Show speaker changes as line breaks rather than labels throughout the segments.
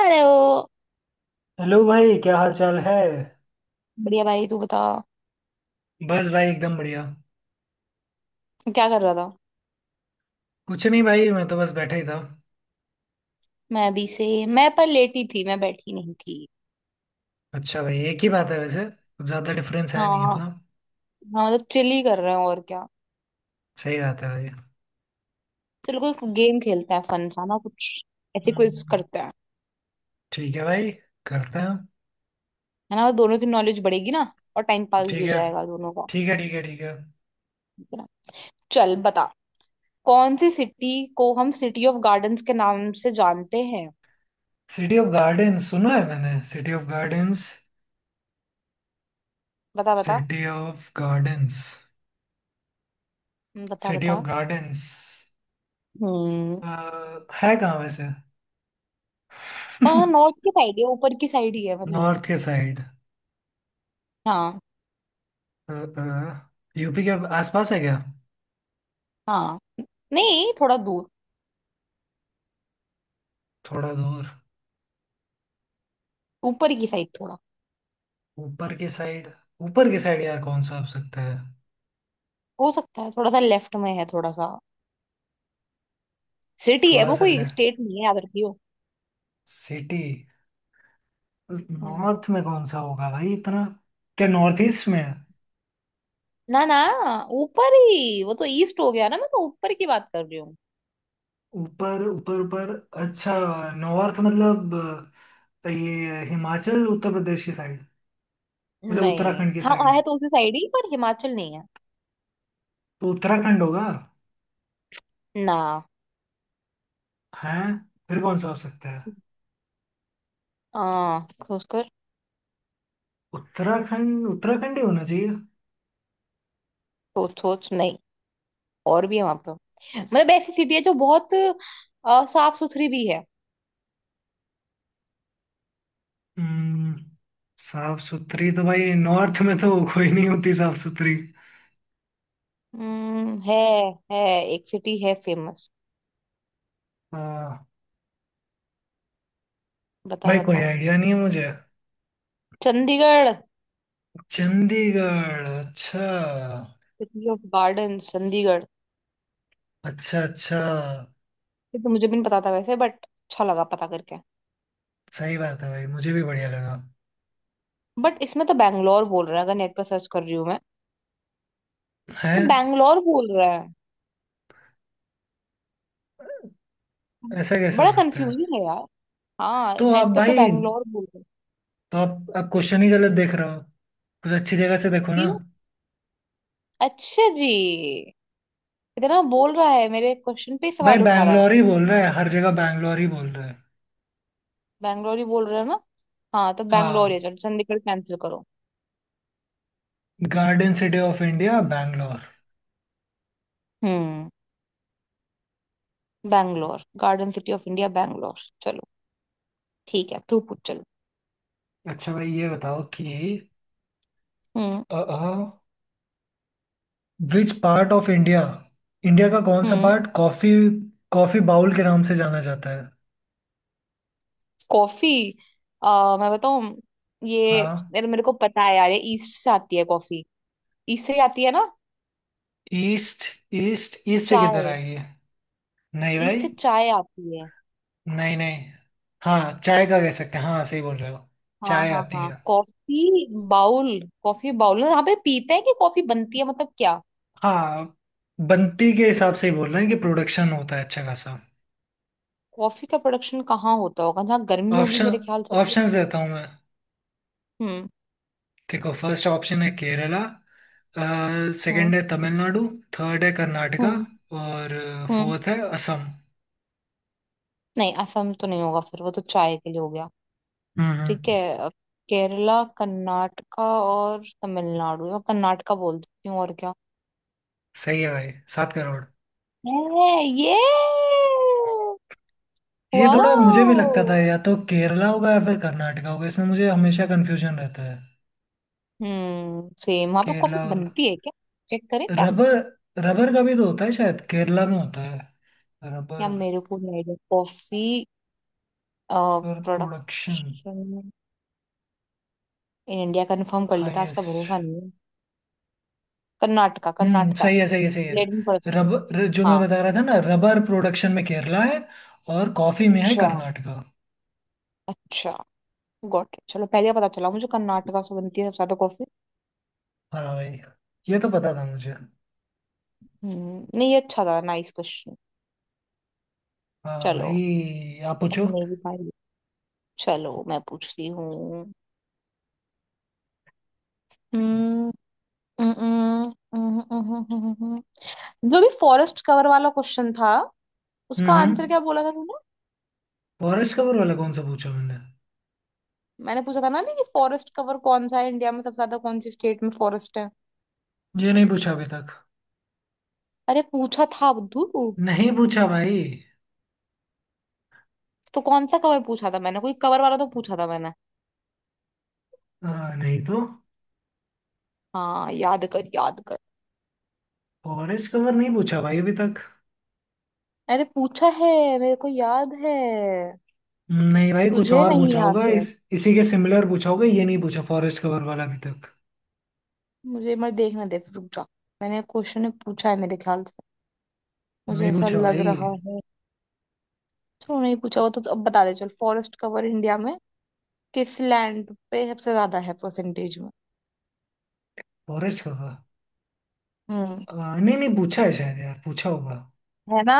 Hello.
Hello भाई, क्या हाल चाल है।
बढ़िया भाई, तू बता।
बस भाई एकदम बढ़िया।
क्या कर रहा था?
कुछ नहीं भाई, मैं तो बस बैठा ही था।
मैं अभी से मैं पर लेटी थी, मैं बैठी नहीं थी।
अच्छा भाई, एक ही बात है, वैसे कुछ ज्यादा डिफरेंस है
हाँ,
नहीं
हाँ।
इतना।
मतलब चिल ही कर रहे हैं, और क्या।
सही बात है भाई।
चलो कोई गेम खेलते हैं, फन सा ना कुछ। ऐसे क्विज
हम्म।
करते हैं।
ठीक है भाई, करते हैं।
है ना, दोनों की नॉलेज बढ़ेगी ना। और टाइम पास भी
ठीक
हो
है,
जाएगा दोनों का।
ठीक है, ठीक है। ठीक है।
ठीक है ना? चल बता। कौन सी सिटी को हम सिटी ऑफ गार्डन्स के नाम से जानते हैं?
सिटी ऑफ गार्डन्स सुना है मैंने। City of gardens.
बता बता,
सिटी ऑफ गार्डन्स।
बता
सिटी ऑफ
बता।
गार्डन्स।
हम्म।
है कहाँ वैसे?
नॉर्थ की साइड है, ऊपर की साइड ही है मतलब।
नॉर्थ के साइड।
हाँ।
यूपी के आसपास है क्या?
हाँ, नहीं थोड़ा दूर।
थोड़ा दूर।
ऊपर की साइड थोड़ा।
ऊपर के साइड। ऊपर के साइड यार, कौन सा हो सकता है?
हो सकता है, थोड़ा सा लेफ्ट में है, थोड़ा सा। सिटी है
थोड़ा
वो,
सा
कोई
ले।
स्टेट नहीं है, याद रखियो।
सिटी।
हम्म।
नॉर्थ में कौन सा होगा भाई इतना? क्या नॉर्थ ईस्ट में है?
ना, ना। ऊपर ही, वो तो ईस्ट हो गया ना, मैं तो ऊपर की बात कर रही हूँ।
ऊपर ऊपर ऊपर। अच्छा। नॉर्थ मतलब ये हिमाचल उत्तर प्रदेश की साइड। मतलब
नहीं,
उत्तराखंड की
हाँ
साइड।
है तो उसी साइड ही, पर हिमाचल नहीं है।
तो उत्तराखंड होगा।
ना।
हैं? फिर कौन सा हो सकता है?
हाँ, सोच कर।
उत्तराखंड उत्तराखंड ही होना चाहिए।
सोच सोच, नहीं। और भी है वहां पे। मतलब ऐसी सिटी है जो बहुत साफ सुथरी भी है।
हम्म, साफ सुथरी तो भाई नॉर्थ में तो कोई नहीं होती साफ सुथरी।
हम्म। है, है। एक सिटी है फेमस। बता
भाई कोई
बता।
आइडिया नहीं है मुझे।
चंडीगढ़।
चंडीगढ़? अच्छा
सिटी ऑफ गार्डन चंडीगढ़।
अच्छा। अच्छा।
ये तो मुझे भी नहीं पता था वैसे, बट अच्छा लगा पता करके।
सही बात है भाई, मुझे भी बढ़िया लगा।
बट इसमें तो बैंगलोर बोल रहा है, अगर नेट पर सर्च कर रही हूँ मैं।
है।
तो बैंगलोर बोल रहा है।
ऐसा कैसे हो
बड़ा
सकता है?
कंफ्यूजिंग है यार। हाँ,
तो आप
नेट पे तो
भाई।
बैंगलोर बोल रहा है।
तो आप क्वेश्चन ही गलत देख रहे हो। कुछ अच्छी जगह से देखो ना।
क्यों? अच्छा जी। इतना बोल रहा है, मेरे क्वेश्चन पे ही
भाई
सवाल उठा रहा है।
बैंगलोर ही बोल रहे हैं, हर जगह बैंगलोर ही बोल रहे हैं।
बैंगलोर ही बोल रहे हो ना? हाँ, तो बैंगलोर ही
हाँ।
है। चलो चंडीगढ़ कैंसिल करो।
Garden city of India Bangalore.
हम्म। Bangalore. Garden city of India Bangalore. चलो। ठीक है, तू पूछ। चलो।
अच्छा भाई ये बताओ कि
हम्म।
Which part of India. India का कौन सा
हम्म।
पार्ट कॉफी, कॉफी बाउल के नाम से जाना जाता है?
कॉफी। मैं बताऊं। ये
हाँ।
मेरे मेरे को पता है यार, ये ईस्ट से आती है कॉफी। ईस्ट से ही आती है ना?
ईस्ट। ईस्ट ईस्ट से किधर
चाय।
आई है? नहीं
ईस्ट
भाई।
से चाय आती है।
नहीं नहीं। हाँ, चाय का कह सकते हैं, हाँ सही बोल रहे हो।
हाँ
चाय
हाँ
आती
हाँ,
है।
Coffee bowl. कॉफी बाउल यहाँ पे पीते हैं कि कॉफी बनती है मतलब, क्या?
हाँ। बनती के हिसाब से ही बोल रहे हैं कि प्रोडक्शन होता है अच्छा खासा।
कॉफी का प्रोडक्शन कहाँ होता होगा? जहाँ गर्मी होगी
ऑप्शन,
मेरे ख्याल से तो।
ऑप्शंस देता हूँ मैं।
हम्म।
देखो, फर्स्ट ऑप्शन है केरला। सेकंड
हम्म।
है तमिलनाडु। थर्ड है कर्नाटका।
हम्म।
और
हम्म।
फोर्थ है असम।
नहीं, असम तो नहीं होगा, फिर वो तो चाय के लिए हो गया।
हम्म,
ठीक
हम्म।
है, केरला, कर्नाटका और तमिलनाडु। मैं कर्नाटका बोल देती हूँ, और क्या।
सही है भाई, सात करोड़।
है। ये।
ये थोड़ा मुझे भी लगता
वाओ।
था, या तो केरला होगा या फिर कर्नाटका होगा, इसमें मुझे हमेशा कंफ्यूजन रहता है।
सेम वहां पे कॉफी
केरला और
बनती है क्या? चेक करें क्या?
रबर। रबर का भी तो होता है, शायद केरला में होता है।
या
रबर।
मेरे को नहीं idea, coffee.
Rubber production.
Production. In India. Confirm कर लेता, उसका भरोसा
हाईएस्ट।
नहीं है। कर्नाटका, कर्नाटका।
सही है, सही है, सही है।
लेडन प्रोडक्शन।
रबर जो मैं
हाँ।
बता रहा था ना, रबर प्रोडक्शन में केरला है। और कॉफी में है
अच्छा,
कर्नाटका।
अच्छा। गॉट। चलो, पहले पता चला मुझे कर्नाटका से बनती है सबसे ज्यादा कॉफी।
हाँ भाई। ये तो पता था मुझे।
नहीं, ये अच्छा था। Nice question.
हाँ
चलो।
भाई आप
अब
पूछो।
मेरी बारी। चलो, मैं पूछती हूँ। हम्म। हम्म, हम्म, हम्म, हम्म, हम्म। हम्म, हम्म। जो भी फॉरेस्ट कवर वाला क्वेश्चन था,
हम्म,
उसका आंसर
हम्म।
क्या बोला था तूने?
फॉरेस्ट कवर वाला कौन सा पूछा मैंने?
मैंने पूछा था ना अभी कि फॉरेस्ट कवर कौन सा है इंडिया में, सबसे ज्यादा कौन सी स्टेट में फॉरेस्ट है।
ये नहीं पूछा अभी तक।
अरे, पूछा था बुद्धू।
नहीं पूछा भाई।
तो कौन सा कवर पूछा था मैंने? कोई कवर वाला तो पूछा था मैंने।
हाँ नहीं तो।
हाँ, याद कर, याद कर।
फॉरेस्ट कवर नहीं पूछा भाई अभी तक।
अरे, पूछा है। मेरे को याद है।
नहीं भाई कुछ
तुझे
और
नहीं
पूछा
याद
होगा
है?
इस, इसी के सिमिलर पूछा होगा, ये नहीं पूछा फॉरेस्ट कवर वाला अभी तक।
मुझे मत देखना दे, रुक जा। मैंने क्वेश्चन पूछा है मेरे ख्याल से। मुझे
नहीं
ऐसा
पूछा
लग
भाई।
रहा है। चलो, नहीं पूछा होगा तो अब बता दे चल। फॉरेस्ट कवर इंडिया में, किस लैंड पे सबसे ज्यादा है परसेंटेज में?
Forest cover?
हम्म।
नहीं, नहीं पूछा है शायद, यार पूछा होगा।
है ना?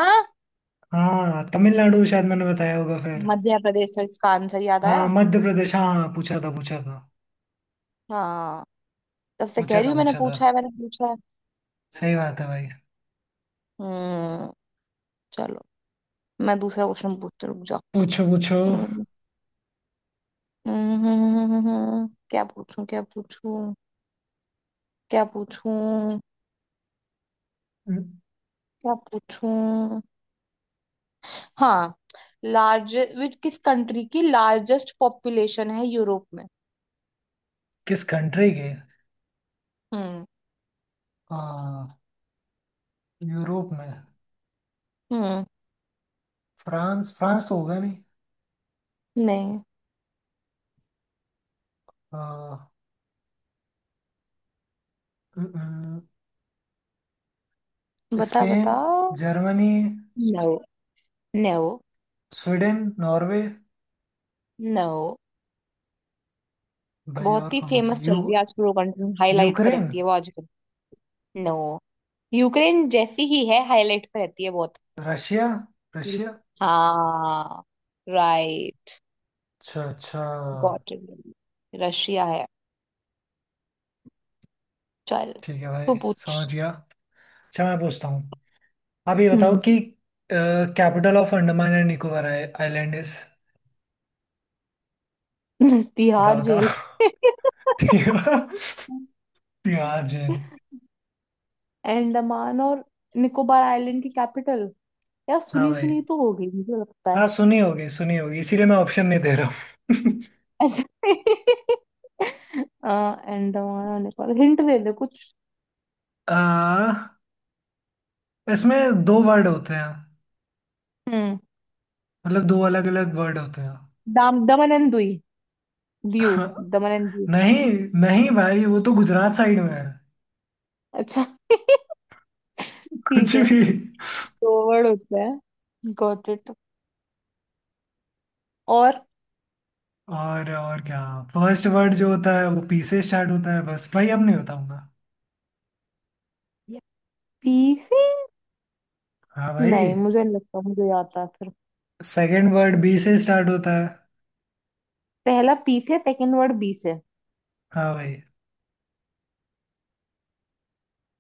हाँ तमिलनाडु शायद मैंने बताया होगा फिर।
मध्य प्रदेश था इसका आंसर, याद
हाँ
आया।
मध्य प्रदेश, हाँ हाँ, पूछा था पूछा था।
हाँ। तब से कह
पूछा
रही
था
हूँ, मैंने
पूछा था।
पूछा है, मैंने पूछा है।
सही बात है भाई।
हम्म। चलो। मैं दूसरा क्वेश्चन पूछती हूँ, रुक जाओ।
पूछो पूछो।
हम्म, क्या पूछूं, क्या पूछूं। क्या पूछूं।
हम्म,
क्या पूछूं। हाँ। लार्ज विच किस कंट्री की लार्जेस्ट पॉपुलेशन है यूरोप में?
किस कंट्री के?
हम्म।
हाँ। यूरोप में?
हम्म।
फ्रांस, फ्रांस तो होगा नहीं।
नहीं।
हाँ। हम्म, हम्म, स्पेन,
बताओ।
Germany.
No. No.
Sweden, Norway.
No.
भाई
बहुत
और
ही
कौन बचा,
फेमस
यू।
चल रही है आजकल वो कंट्री, हाईलाइट पे
यूक्रेन।
रहती है वो आजकल। नो। यूक्रेन जैसी ही है, हाईलाइट पे रहती है बहुत।
Russia, Russia.
हाँ। राइट।
अच्छा अच्छा।
Got it. रशिया है। चल।
ठीक है भाई,
तू पूछ।
समझ गया। अच्छा मैं पूछता हूँ। आप ये बताओ
हम्म।
कि capital of Andaman and Nicobar island is? बता
तिहाड़
बताओ।
जेल।
तिहाड़, तिहाड़ जेल।
अंडमान और निकोबार आइलैंड की कैपिटल। यार
हाँ
सुनी
भाई।
सुनी तो हो गई, मुझे लगता है।
हाँ सुनी होगी, सुनी होगी, इसीलिए मैं ऑप्शन नहीं दे रहा हूँ।
अच्छा। अंडमान और निकोबार, हिंट दे दे कुछ।
आ, इसमें दो वर्ड होते हैं।
हम्म।
मतलब दो अलग अलग वर्ड होते
दाम दमन एंड दुई। दीव।
हैं।
दमन एंड दीव।
नहीं। नहीं भाई, वो तो गुजरात साइड में है।
अच्छा। ठीक
कुछ
है।
भी।
दो वर्ड होते हैं, गॉट इट। और।
और क्या? फर्स्ट वर्ड जो होता है वो पी से स्टार्ट होता है, बस भाई अब नहीं बताऊंगा।
पी से।
हाँ भाई।
नहीं, मुझे नहीं लगता, मुझे याद था फिर।
सेकंड वर्ड बी से स्टार्ट होता है।
पहला पी से, सेकंड वर्ड बी से।
हाँ भाई।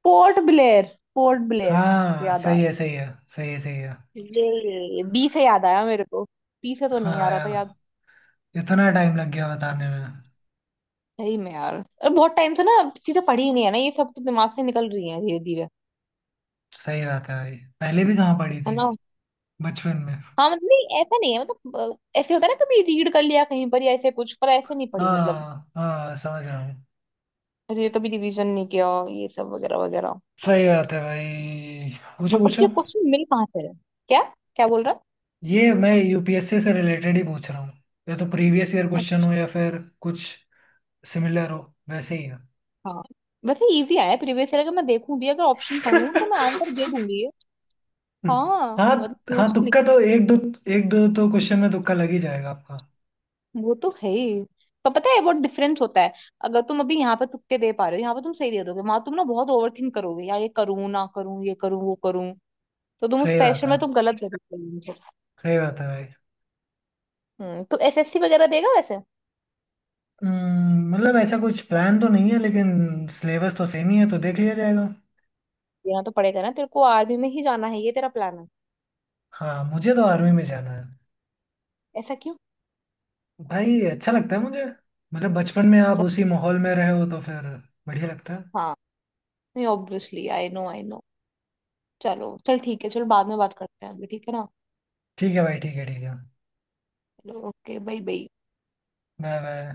पोर्ट ब्लेयर। पोर्ट ब्लेयर।
हाँ,
याद
सही है
आया।
सही है सही है सही है।
ये बी से याद आया मेरे को। पी से तो नहीं आ
हाँ
रहा था
यार,
याद।
इतना टाइम लग गया बताने में।
सही में यार, और बहुत टाइम से ना, चीजें पढ़ी ही नहीं है ना, ये सब तो दिमाग से निकल रही है धीरे धीरे।
सही बात है भाई, पहले भी कहाँ पढ़ी
है
थी?
ना?
बचपन में।
हाँ मतलब, नहीं, ऐसा नहीं है मतलब। ऐसे होता है ना, कभी रीड कर लिया कहीं पर या ऐसे कुछ, पर ऐसे नहीं पढ़ी मतलब।
हाँ हाँ, समझ रहा हूँ।
कभी रिवीजन नहीं किया, ये सब वगैरह वगैरह।
सही बात है भाई। पूछो
हाँ, पर तुझे
पूछो।
क्वेश्चन मिल कहाँ से रहे? क्या? क्या बोल रहा
ये मैं यूपीएससी से रिलेटेड ही पूछ रहा हूँ। या तो प्रीवियस ईयर
है?
क्वेश्चन हो या फिर कुछ सिमिलर हो। वैसे ही है।
अच्छा। वैसे इजी आया प्रीवियस ईयर, अगर मैं देखूं भी, अगर ऑप्शन पढ़ूं तो मैं आंसर दे दूंगी ये। हाँ
हाँ।
मतलब।
हाँ तुक्का तो एक दो, एक दो तो क्वेश्चन में तुक्का लग ही जाएगा आपका।
वो तो है ही। पर पता है, बहुत डिफरेंस होता है। अगर तुम अभी यहाँ पे तुक्के दे पा रहे हो, यहाँ पे तुम सही दे दोगे, वहां तुम ना बहुत ओवर थिंक करोगे यार, ये करूँ ना करूँ, ये करूँ वो करूँ। तो तुम उस
सही बात
प्रेशर
है।
में तुम गलत दे देते हो मुझे।
सही बात है भाई।
तो एसएससी वगैरह देगा वैसे?
मतलब ऐसा कुछ प्लान तो नहीं है लेकिन सिलेबस तो सेम ही है तो देख लिया जाएगा।
देना तो पड़ेगा ना तेरे को। आर्मी में ही जाना है, ये तेरा प्लान है?
हाँ मुझे तो आर्मी में जाना है।
ऐसा क्यों?
भाई अच्छा लगता है मुझे। मतलब बचपन में आप
चल।
उसी माहौल में रहे हो तो फिर बढ़िया लगता है।
हाँ, नहीं obviously, I know I know. चलो चल ठीक है, चलो बाद में बात करते हैं अभी, ठीक है ना?
ठीक है भाई, ठीक है, ठीक है।
चलो, okay, bye bye.
Bye bye.